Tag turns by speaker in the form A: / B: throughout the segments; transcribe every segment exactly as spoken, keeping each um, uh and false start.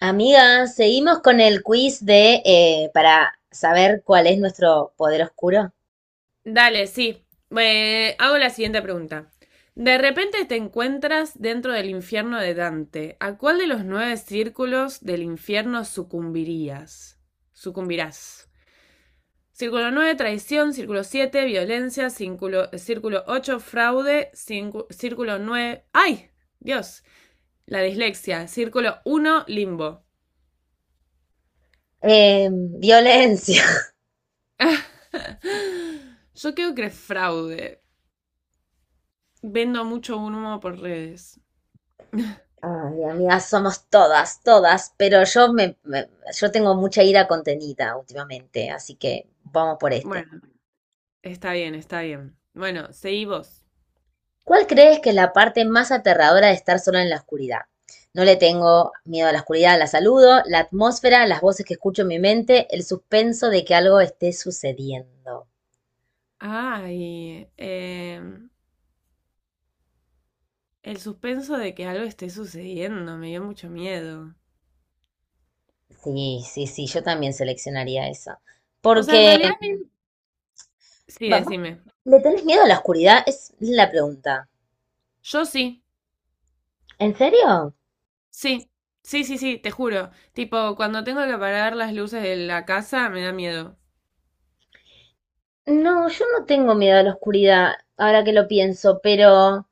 A: Amiga, seguimos con el quiz de eh, para saber cuál es nuestro poder oscuro.
B: Dale, sí. Eh, hago la siguiente pregunta. De repente te encuentras dentro del infierno de Dante. ¿A cuál de los nueve círculos del infierno sucumbirías? Sucumbirás. Círculo nueve, traición. Círculo siete, violencia. Círculo, círculo ocho, fraude. Círculo, círculo nueve. ¡Ay! Dios. La dislexia. Círculo uno, limbo.
A: Eh, violencia.
B: Yo creo que es fraude. Vendo mucho humo por redes.
A: Ay, amiga, somos todas, todas, pero yo me, me- yo tengo mucha ira contenida últimamente, así que vamos por este.
B: Bueno. Está bien, está bien. Bueno, seguí vos.
A: ¿Cuál crees que es la parte más aterradora de estar sola en la oscuridad? No le tengo miedo a la oscuridad, la saludo, la atmósfera, las voces que escucho en mi mente, el suspenso de que algo esté sucediendo.
B: Ay, em, el suspenso de que algo esté sucediendo me dio mucho miedo.
A: Sí, sí, sí, yo también seleccionaría esa.
B: O sea, en
A: Porque,
B: realidad a mí- sí,
A: va- va-
B: decime.
A: ¿le tenés miedo a la oscuridad? Es la pregunta.
B: Yo sí,
A: ¿En serio?
B: sí, sí, sí, sí, te juro. Tipo, cuando tengo que apagar las luces de la casa me da miedo.
A: No, yo no tengo miedo a la oscuridad, ahora que lo pienso, pero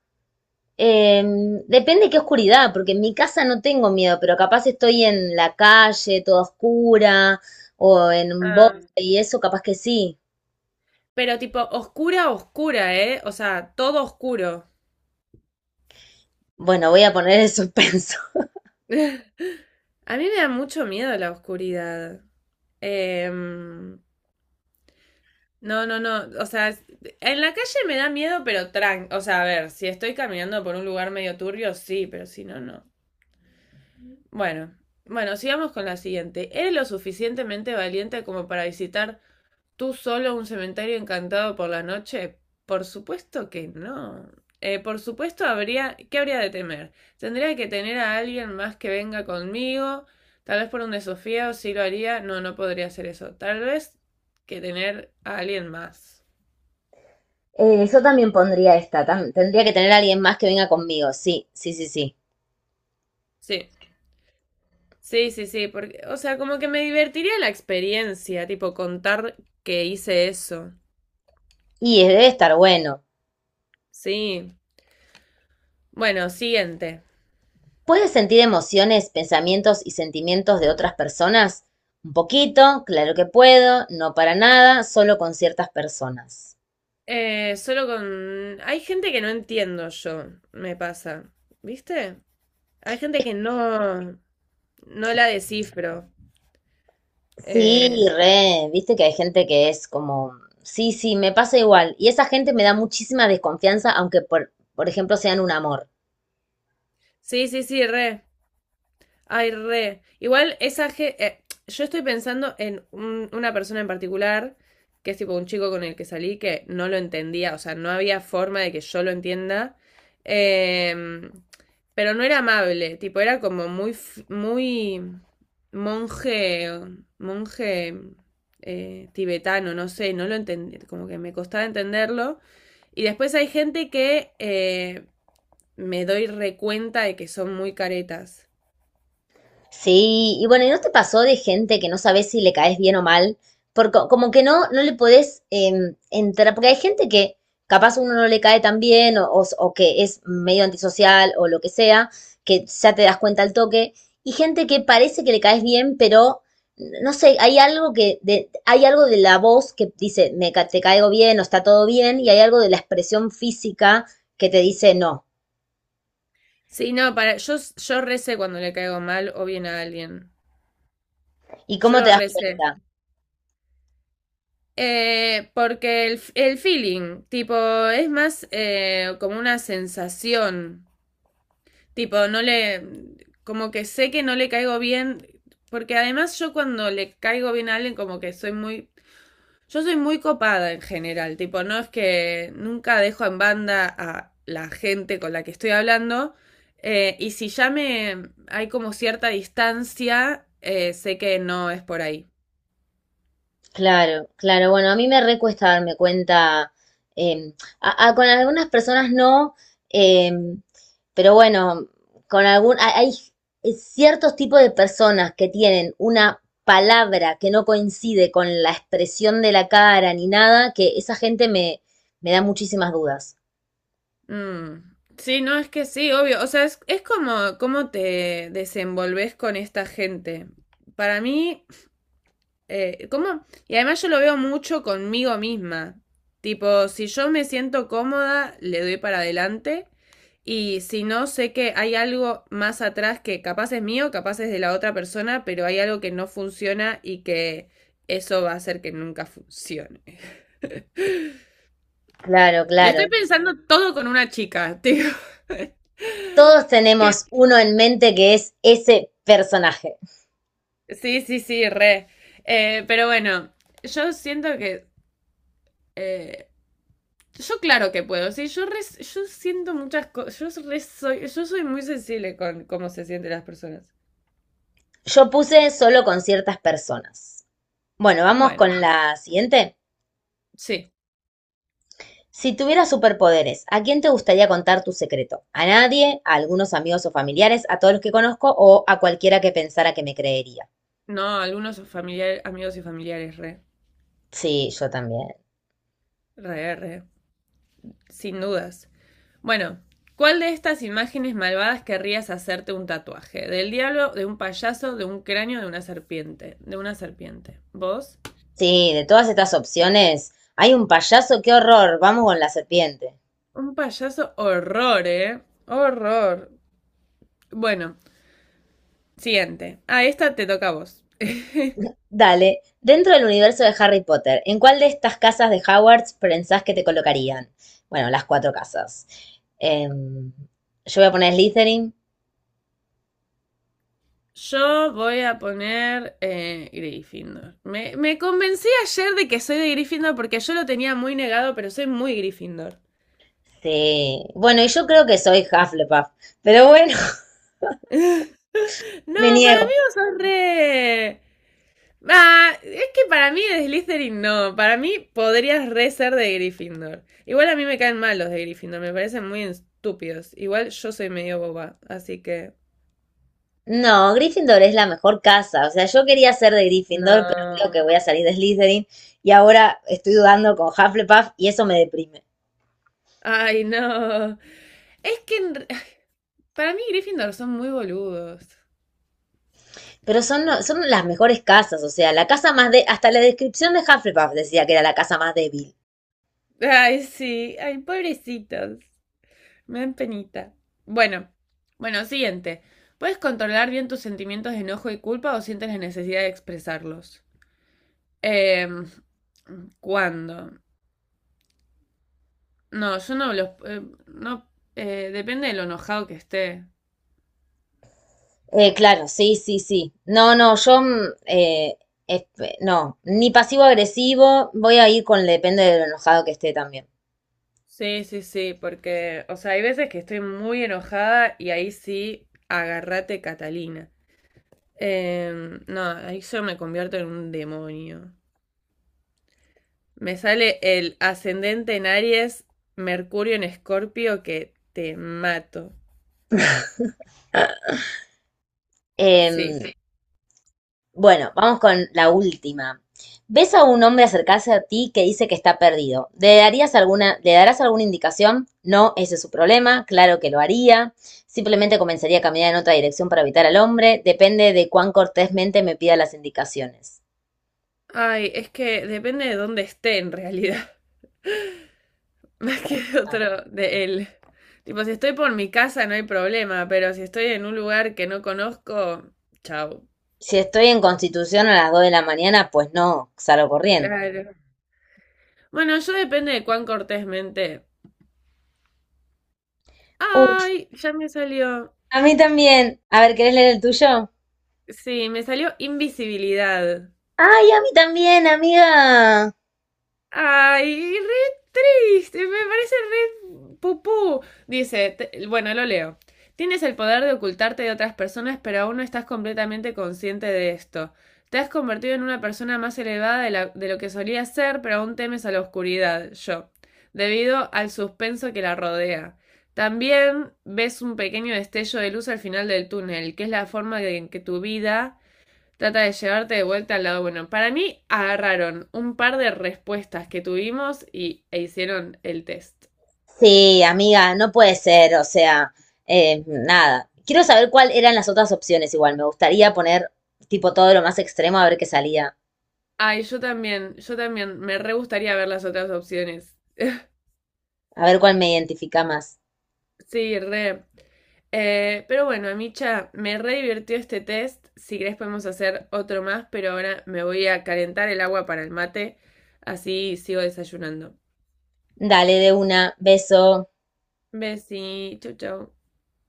A: em, depende qué oscuridad, porque en mi casa no tengo miedo, pero capaz estoy en la calle, toda oscura, o en un bosque
B: Ah,
A: y eso, capaz que sí.
B: pero tipo, oscura, oscura, ¿eh? O sea, todo oscuro.
A: Bueno, voy a poner el suspenso.
B: A mí me da mucho miedo la oscuridad. Em, No, no, no. O sea, es- en la calle me da miedo, pero tran. O sea, a ver, si estoy caminando por un lugar medio turbio, sí, pero si no, no. Bueno, bueno, sigamos con la siguiente. ¿Eres lo suficientemente valiente como para visitar tú solo un cementerio encantado por la noche? Por supuesto que no. Eh, por supuesto habría, ¿qué habría de temer? Tendría que tener a alguien más que venga conmigo. Tal vez por un desafío, sí lo haría. No, no podría hacer eso. Tal vez que tener a alguien más.
A: Eh, yo también pondría esta, tam- tendría que tener a alguien más que venga conmigo, sí, sí, sí, sí.
B: Sí. Sí, sí, sí, porque, o sea, como que me divertiría la experiencia, tipo contar que hice eso.
A: Y es- debe estar bueno.
B: Sí. Bueno, siguiente.
A: ¿Puedes sentir emociones, pensamientos y sentimientos de otras personas? Un poquito, claro que puedo, no para nada, solo con ciertas personas.
B: Eh, solo con. Hay gente que no entiendo yo, me pasa. ¿Viste? Hay gente que no, no la descifro.
A: Sí,
B: Eh,
A: re, viste que hay gente que es como, sí, sí, me pasa igual. Y esa gente me da muchísima desconfianza, aunque por, por ejemplo sean un amor.
B: sí, sí, sí, re. Ay, re. Igual esa ge- eh, yo estoy pensando en un- una persona en particular, que es tipo un chico con el que salí, que no lo entendía, o sea, no había forma de que yo lo entienda. Em, pero no era amable, tipo, era como muy, f- muy monje, monje eh, tibetano, no sé, no lo entendí, como que me costaba entenderlo. Y después hay gente que eh, me doy recuenta de que son muy caretas.
A: Sí, y bueno, ¿y no te pasó de gente que no sabes si le caes bien o mal? Porque como que no, no le podés eh, entrar, porque hay gente que capaz uno no le cae tan bien o, o, o que es medio antisocial o lo que sea, que ya te das cuenta al toque, y gente que parece que le caes bien, pero no sé, hay algo que de, hay algo de la voz que dice me ca- te caigo bien o está todo bien, y hay algo de la expresión física que te dice no.
B: Sí, no, para, yo, yo recé cuando le caigo mal o bien a alguien.
A: ¿Y
B: Yo
A: cómo te
B: lo
A: das
B: recé.
A: cuenta?
B: Eh, porque el, el feeling, tipo, es más eh, como una sensación. Tipo, no le, como que sé que no le caigo bien, porque además yo cuando le caigo bien a alguien, como que soy muy Yo soy muy copada en general, tipo, no es que nunca dejo en banda a la gente con la que estoy hablando. eh, y si ya me hay como cierta distancia, eh, sé que no es por ahí.
A: Claro, claro. Bueno, a mí me recuesta darme cuenta. eh, a- a- con algunas personas no, eh, pero bueno, con algún, hay hay ciertos tipos de personas que tienen una palabra que no coincide con la expresión de la cara ni nada, que esa gente me, me da muchísimas dudas.
B: Mm. Sí, no, es que sí, obvio. O sea, es, es como cómo te desenvolves con esta gente. Para mí, Eh, ¿cómo? Y además yo lo veo mucho conmigo misma. Tipo, si yo me siento cómoda, le doy para adelante. Y si no, sé que hay algo más atrás que capaz es mío, capaz es de la otra persona, pero hay algo que no funciona y que eso va a hacer que nunca funcione.
A: Claro,
B: Lo
A: claro.
B: estoy pensando todo con una chica, tío.
A: Todos
B: Que-
A: tenemos uno en mente que es ese personaje.
B: sí, sí, sí, re. Eh, pero bueno, yo siento que eh, yo claro que puedo, sí, yo, re- yo siento muchas cosas, yo, re soy, yo soy muy sensible con cómo se sienten las personas.
A: Yo puse solo con ciertas personas. Bueno, vamos
B: Bueno,
A: con la siguiente.
B: sí,
A: Si tuvieras superpoderes, ¿a quién te gustaría contar tu secreto? ¿A nadie? ¿A algunos amigos o familiares? ¿A todos los que conozco? ¿O a cualquiera que pensara que me creería?
B: no, algunos familiares, amigos y familiares, re,
A: Sí, yo también.
B: re, re, sin dudas. Bueno, ¿cuál de estas imágenes malvadas querrías hacerte un tatuaje? ¿Del diablo, de un payaso, de un cráneo, de una serpiente? De una serpiente. ¿Vos?
A: Sí, de todas estas opciones, hay un payaso, qué horror. Vamos con la serpiente.
B: Un payaso, horror, ¿eh? Horror. Bueno, siguiente. Ah, esta te toca a vos.
A: Dale, dentro del universo de Harry Potter, ¿en cuál de estas casas de Hogwarts pensás que te colocarían? Bueno, las cuatro casas. Em, yo voy a poner Slytherin.
B: Yo voy a poner eh, Gryffindor. Me, me convencí ayer de que soy de Gryffindor porque yo lo tenía muy negado, pero soy muy Gryffindor.
A: Sí. Bueno, y yo creo que soy Hufflepuff, pero bueno,
B: No,
A: me
B: para
A: niego.
B: mí vos sos re. Ah, es que para mí de Slytherin no. Para mí podrías re ser de Gryffindor. Igual a mí me caen mal los de Gryffindor, me parecen muy estúpidos. Igual yo soy medio boba, así que.
A: No, Gryffindor es la mejor casa. O sea, yo quería ser de Gryffindor, pero creo que
B: No.
A: voy a salir de Slytherin y ahora estoy dudando con Hufflepuff y eso me deprime.
B: Ay, no. Es que en re- para mí Gryffindor son muy boludos.
A: Pero son, lo- son las mejores casas, o sea, la casa más de... Hasta la descripción de Hufflepuff decía que era la casa más débil.
B: Ay, sí, ay, pobrecitos. Me dan penita. Bueno, bueno, siguiente. ¿Puedes controlar bien tus sentimientos de enojo y culpa o sientes la necesidad de expresarlos? Eh, ¿Cuándo? No, yo no los. eh, no, eh, depende de lo enojado que esté.
A: Eh, claro, sí, sí, sí. No, no, yo... mm, eh, esp- no, ni pasivo agresivo, voy a ir con le- depende de lo enojado que esté también.
B: Sí, sí, sí, porque, o sea, hay veces que estoy muy enojada y ahí sí, agárrate, Catalina. Eh, no, ahí yo me convierto en un demonio. Me sale el ascendente en Aries, Mercurio en Escorpio, que te mato. Sí.
A: Em, Bueno, vamos con la última. ¿Ves a un hombre acercarse a ti que dice que está perdido? ¿Le darías alguna, le darás alguna indicación? No, ese es su problema, claro que lo haría. Simplemente comenzaría a caminar en otra dirección para evitar al hombre. Depende de cuán cortésmente me pida las indicaciones.
B: Ay, es que depende de dónde esté en realidad. Más que de
A: Ah,
B: otro, de él. Tipo, si estoy por mi casa no hay problema, pero si estoy en un lugar que no conozco, chao.
A: Si estoy en Constitución a las dos de la mañana, pues no, salgo corriendo.
B: Claro. Bueno, yo depende de cuán cortésmente.
A: Uy,
B: Ay, ya me salió.
A: a mí también. A ver, ¿querés leer el tuyo?
B: Sí, me salió invisibilidad.
A: Ay, a mí también, amiga.
B: Ay, re triste, me parece re pupú. Dice, te- bueno, lo leo. Tienes el poder de ocultarte de otras personas, pero aún no estás completamente consciente de esto. Te has convertido en una persona más elevada de, la- de lo que solías ser, pero aún temes a la oscuridad, yo, debido al suspenso que la rodea. También ves un pequeño destello de luz al final del túnel, que es la forma en que tu vida trata de llevarte de vuelta al lado bueno. Para mí agarraron un par de respuestas que tuvimos y, e hicieron el test.
A: Sí, amiga, no puede ser, o sea, eh, nada. Quiero saber cuáles eran las otras opciones igual. Me gustaría poner tipo todo lo más extremo a ver qué salía.
B: Ay, yo también, yo también, me re gustaría ver las otras opciones.
A: A ver cuál me identifica más.
B: Sí, re. Eh, pero bueno, Amicha, me re divirtió este test. Si querés podemos hacer otro más, pero ahora me voy a calentar el agua para el mate. Así sigo desayunando.
A: Dale de una, beso.
B: Besi, chau chau.